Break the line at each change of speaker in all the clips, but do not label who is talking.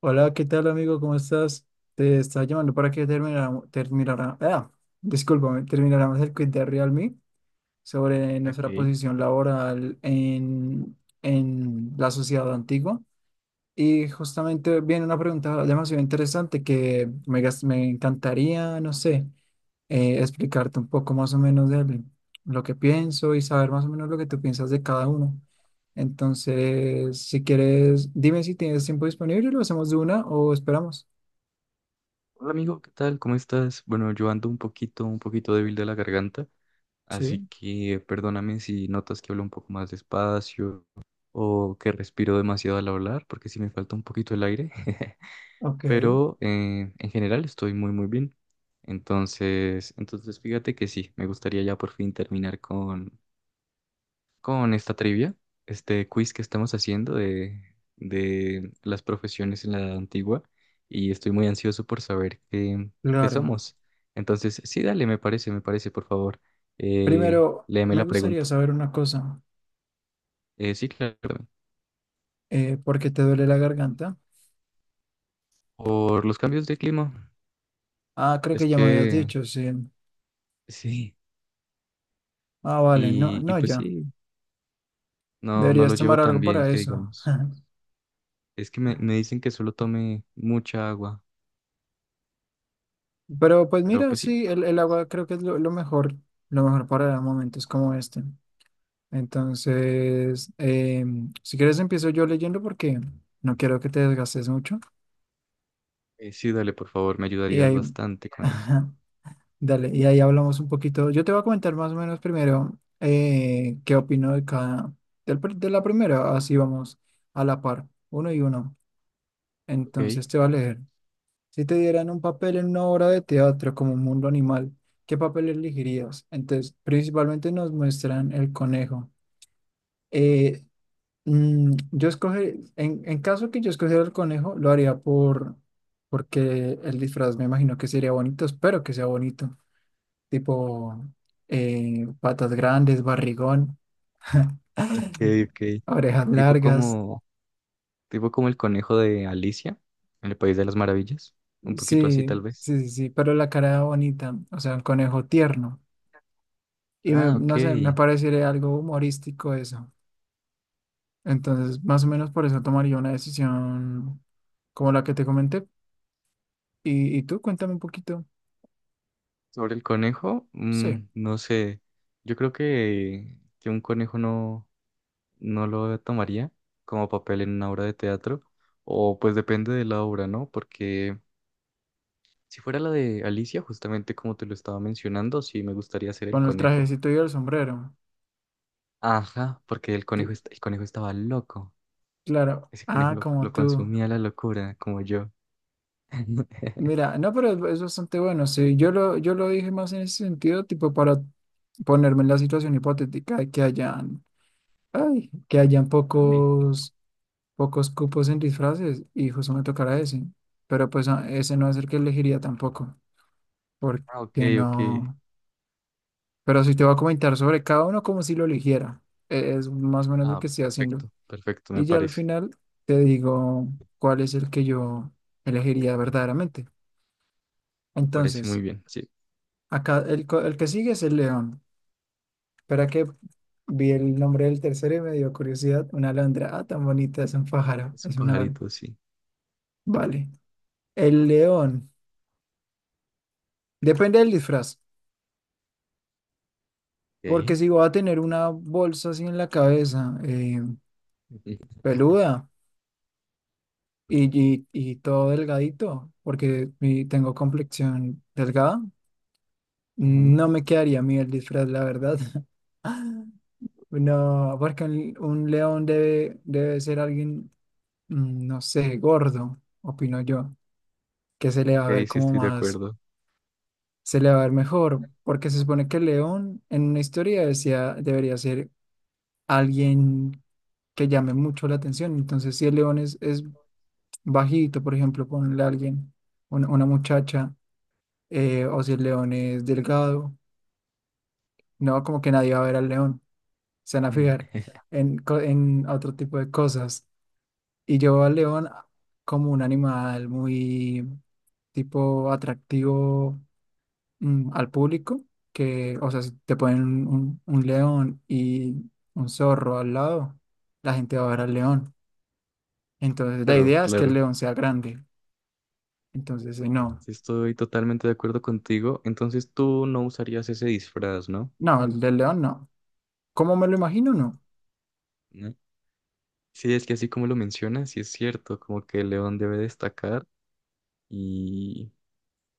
Hola, ¿qué tal amigo? ¿Cómo estás? Te estaba llamando para que termináramos, terminara, ah, discúlpame, termináramos el quiz de Realme sobre nuestra
Ok.
posición laboral en la sociedad antigua. Y justamente viene una pregunta demasiado interesante que me encantaría, no sé, explicarte un poco más o menos de lo que pienso y saber más o menos lo que tú piensas de cada uno. Entonces, si quieres, dime si tienes tiempo disponible, lo hacemos de una o esperamos.
Hola amigo, ¿qué tal? ¿Cómo estás? Bueno, yo ando un poquito débil de la garganta, así
Sí,
que perdóname si notas que hablo un poco más despacio o que respiro demasiado al hablar, porque sí me falta un poquito el aire,
ok,
pero en general estoy muy, muy bien. Entonces, fíjate que sí, me gustaría ya por fin terminar con esta trivia, este quiz que estamos haciendo de las profesiones en la edad antigua y estoy muy ansioso por saber qué, qué
claro.
somos. Entonces, sí, dale, me parece, por favor,
Primero,
léeme la
me gustaría
pregunta.
saber una cosa.
Sí, claro.
¿Por qué te duele la garganta?
Por los cambios de clima,
Ah, creo
es
que ya me habías
que
dicho, sí.
sí,
Ah, vale, no,
y
no,
pues
ya.
sí, no, no lo
Deberías
llevo
tomar
tan
algo
bien,
para
que
eso.
digamos. Es que me dicen que solo tome mucha agua,
Pero pues
pero
mira,
pues sí,
sí, el agua creo que es lo mejor para momentos como este. Entonces, si quieres empiezo yo leyendo porque no quiero que te desgastes mucho.
sí, dale, por favor, me
Y
ayudarías
ahí,
bastante con eso.
dale, y ahí hablamos un poquito. Yo te voy a comentar más o menos primero qué opino de de la primera. Así vamos a la par, uno y uno.
Ok.
Entonces te va a leer. Si te dieran un papel en una obra de teatro como un mundo animal, ¿qué papel elegirías? Entonces, principalmente nos muestran el conejo. Eh, en caso que yo escogiera el conejo, lo haría porque el disfraz me imagino que sería bonito, espero que sea bonito, tipo patas grandes, barrigón,
Okay, okay.
orejas
Tipo
largas,
como, tipo como el conejo de Alicia en el País de las Maravillas. Un poquito así, tal
sí,
vez.
sí, sí, sí, pero la cara bonita, o sea, un conejo tierno.
Ah, ok.
No sé, me parecería algo humorístico eso. Entonces, más o menos por eso tomaría una decisión como la que te comenté. Y tú? Cuéntame un poquito.
Sobre el conejo,
Sí.
mm, no sé. Yo creo que un conejo no, no lo tomaría como papel en una obra de teatro. O pues depende de la obra, ¿no? Porque si fuera la de Alicia, justamente como te lo estaba mencionando, sí me gustaría ser el
Con el
conejo.
trajecito y el sombrero.
Ajá, porque el conejo,
Cl-
el conejo estaba loco.
Claro.
Ese conejo
Ah,
lo
como tú.
consumía la locura, como yo.
Mira, no, pero es bastante bueno. Sí, yo lo dije más en ese sentido, tipo para ponerme en la situación hipotética de que hayan
Uy.
pocos, pocos cupos en disfraces y justo me tocará ese. Pero pues ah, ese no es el que elegiría tampoco,
Ah, ok,
porque
ok.
no. Pero sí te voy a comentar sobre cada uno como si lo eligiera. Es más o menos lo
Ah,
que estoy haciendo.
perfecto, perfecto, me
Y ya al
parece.
final te digo cuál es el que yo elegiría verdaderamente.
Me parece muy
Entonces,
bien. Sí,
acá el que sigue es el león. Para que vi el nombre del tercero y me dio curiosidad. Una alondra. Ah, tan bonita, es un pájaro,
es un
es una ave.
pajarito, sí.
Vale. El león. Depende del disfraz.
Ok.
Porque si voy a tener una bolsa así en la cabeza, peluda y todo delgadito, porque tengo complexión delgada.
Ajá.
No me quedaría a mí el disfraz, la verdad. No, porque un león debe ser alguien, mm, no sé, gordo, opino yo, que se le va a
Ok,
ver
sí
como
estoy de acuerdo.
se le va a ver mejor, porque se supone que el león en una historia decía, debería ser alguien que llame mucho la atención. Entonces, si el león es bajito, por ejemplo, ponle a alguien, una muchacha, o si el león es delgado, no, como que nadie va a ver al león, se van a fijar
Mm.
en otro tipo de cosas. Y yo veo al león como un animal muy tipo atractivo, mm, al público, que, o sea, si te ponen un león y un zorro al lado, la gente va a ver al león. Entonces la
Claro,
idea es que el
claro.
león sea grande. Entonces, no,
Sí estoy totalmente de acuerdo contigo. Entonces tú no usarías ese disfraz, ¿no?
no, el del león no. ¿Cómo me lo imagino? No.
¿No? Sí, es que así como lo mencionas, sí es cierto, como que el león debe destacar y,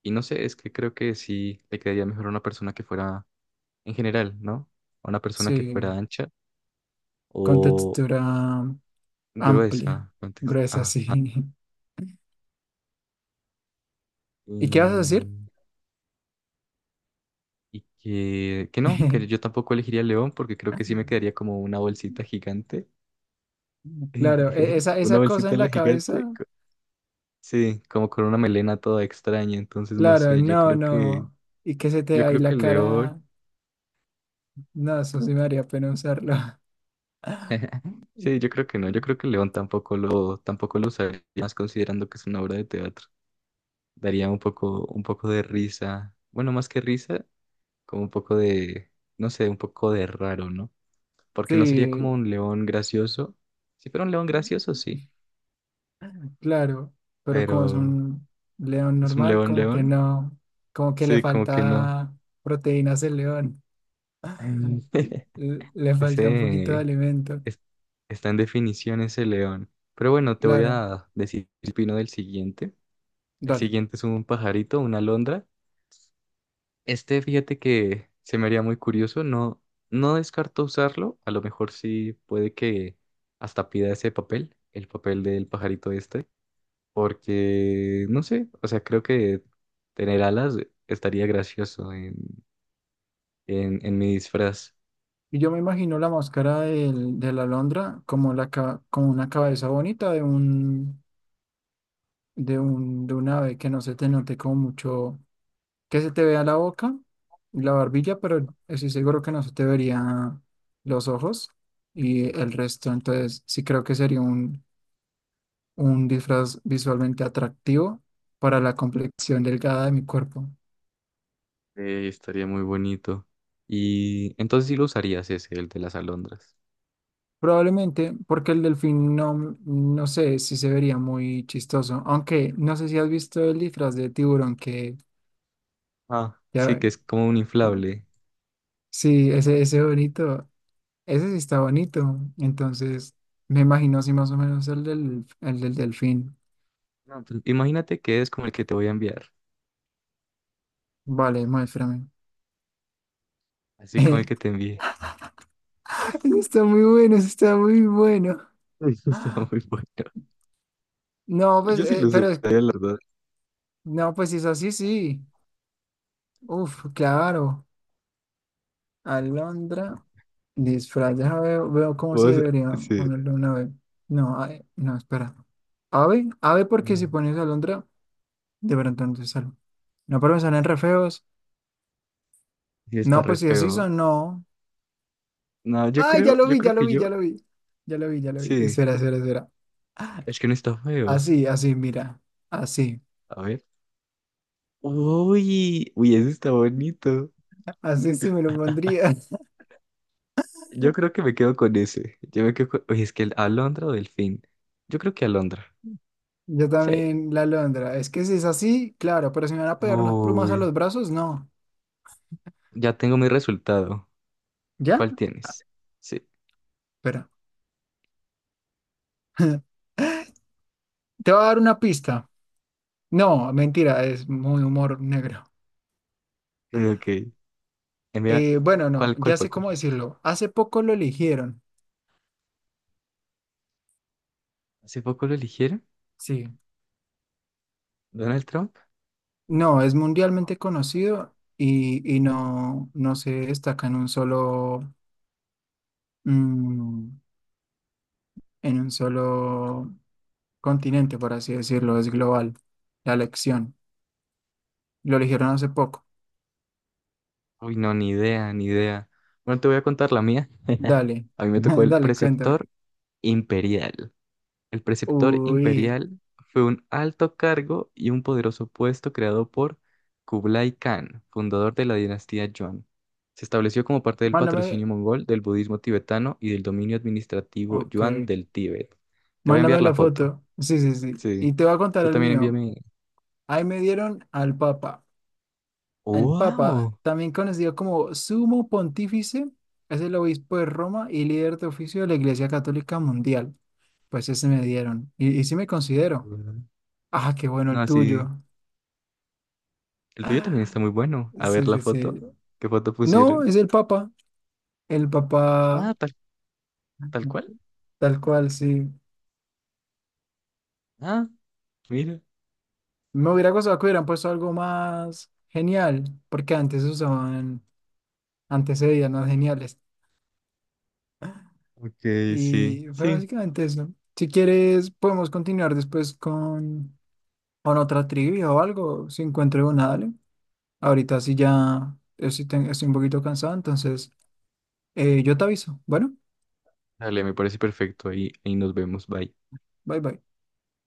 y no sé, es que creo que sí le quedaría mejor a una persona que fuera en general, ¿no? A una persona que
Sí,
fuera ancha
con
o
textura amplia,
gruesa, contexto.
gruesa,
Ajá.
sí. ¿Y qué vas a decir?
Y, y que no, que yo tampoco elegiría el león porque creo que sí me quedaría como una bolsita gigante.
Claro, esa,
Una
esa cosa
bolsita
en
en la
la
gigante.
cabeza.
Sí, como con una melena toda extraña. Entonces, no
Claro,
sé,
no, no. Y que se te
yo
ahí
creo que
la
el león.
cara. No, eso sí me haría pena usarlo.
Sí, yo creo que no. Yo creo que el león tampoco lo, tampoco lo usaría, más considerando que es una obra de teatro. Daría un poco de risa. Bueno, más que risa, como un poco de, no sé, un poco de raro, ¿no? Porque no sería como
Sí,
un león gracioso. Si fuera un león gracioso, sí,
claro. Pero como es
pero
un león
es un
normal,
león
como que
león,
no. Como que le
sí, como que no.
falta proteínas al león.
Ay.
Le falta un poquito de
Ese
alimento.
es- Está en definición ese león. Pero bueno, te voy
Claro,
a decir el pino del siguiente. El
dale.
siguiente es un pajarito, una alondra. Este, fíjate que se me haría muy curioso, no, no descarto usarlo, a lo mejor sí puede que hasta pida ese papel, el papel del pajarito este, porque no sé, o sea, creo que tener alas estaría gracioso en mi disfraz,
Y yo me imagino la máscara de la alondra como una cabeza bonita de de un ave que no se te note como mucho. Que se te vea la boca y la barbilla, pero estoy seguro que no se te vería los ojos y el resto. Entonces, sí creo que sería un disfraz visualmente atractivo para la complexión delgada de mi cuerpo.
estaría muy bonito. Y entonces sí lo usarías ese, el de las alondras.
Probablemente porque el delfín no, no sé si se vería muy chistoso, aunque no sé si has visto el disfraz de tiburón que
Ah, sí,
ya,
que es como un inflable.
sí, ese bonito. Ese sí está bonito. Entonces, me imagino así más o menos el del delfín.
No, pues, imagínate que es como el que te voy a enviar,
Vale, muéstrame.
así como el
Ese
que te envié.
está muy bueno, ese está muy bueno.
Está
Ah,
muy bueno.
no, pues,
Yo sí lo usaría, la verdad.
no, pues si es así, sí. Uf, claro. Alondra, disfraz, déjame veo, veo cómo se
O sea,
debería
sí.
ponerle una ave. No, no, espera. Ave, ave porque si pones alondra, de pronto no te sale. No, pero me salen re feos.
Sí, está
No,
re
pues si así
feo.
son, no.
No,
Ay, ya lo
yo
vi,
creo
ya lo
que
vi,
yo.
ya lo vi. Ya lo vi, ya lo vi.
Sí,
Espera, espera, espera.
es que no está feo.
Así, así, mira. Así.
A ver. Uy, uy, ese está bonito.
Así sí me lo pondría.
Yo creo que me quedo con ese. Yo me quedo con... Uy, es que el Alondra o Delfín. Yo creo que Alondra.
Yo
Sí.
también la alondra. Es que si es así, claro, pero si me van a pegar unas plumas a
Uy,
los brazos, no.
ya tengo mi resultado.
¿Ya?
¿Cuál tienes? Sí.
Espera. Te voy a dar una pista. No, mentira, es muy humor negro.
Ok. Envía.
Bueno, no,
¿Cuál, cuál
ya
fue?
sé
¿Cuál?
cómo decirlo. Hace poco lo eligieron.
¿Hace poco lo eligieron?
Sí.
¿Donald Trump?
No, es mundialmente conocido y no, no se destaca en un solo. Mm, en un solo continente, por así decirlo, es global la elección. Lo eligieron hace poco.
Uy, no, ni idea, ni idea. Bueno, te voy a contar la mía.
Dale,
A mí me tocó el
dale, cuéntame.
preceptor imperial. El preceptor
Uy,
imperial fue un alto cargo y un poderoso puesto creado por Kublai Khan, fundador de la dinastía Yuan. Se estableció como parte del
mándame,
patrocinio mongol del budismo tibetano y del dominio administrativo
ok,
Yuan del Tíbet. Te voy a enviar
mándame
la
la
foto.
foto. Sí, sí, sí.
Sí.
Y te voy a contar
Tú
el
también
mío.
envíame.
Ahí me dieron al Papa. El Papa,
¡Wow!
también conocido como Sumo Pontífice, es el obispo de Roma y líder de oficio de la Iglesia Católica Mundial. Pues ese me dieron. Y sí me considero. Ah, qué bueno
No,
el
así.
tuyo.
El tuyo también está muy bueno. A ver
Sí,
la
sí, sí.
foto. ¿Qué foto
No,
pusieron?
es el Papa. El
Ah,
Papa,
tal, tal cual.
tal cual, sí.
Ah, mira.
Me hubiera gustado que hubieran puesto algo más genial, porque antes usaban, antes se veían más geniales.
Ok, sí,
Y fue
sí.
básicamente eso. Si quieres, podemos continuar después con otra trivia o algo, si encuentro una, dale. Ahorita sí ya estoy un poquito cansado, entonces yo te aviso. Bueno,
Dale, me parece perfecto. Ahí, ahí nos vemos. Bye.
bye bye.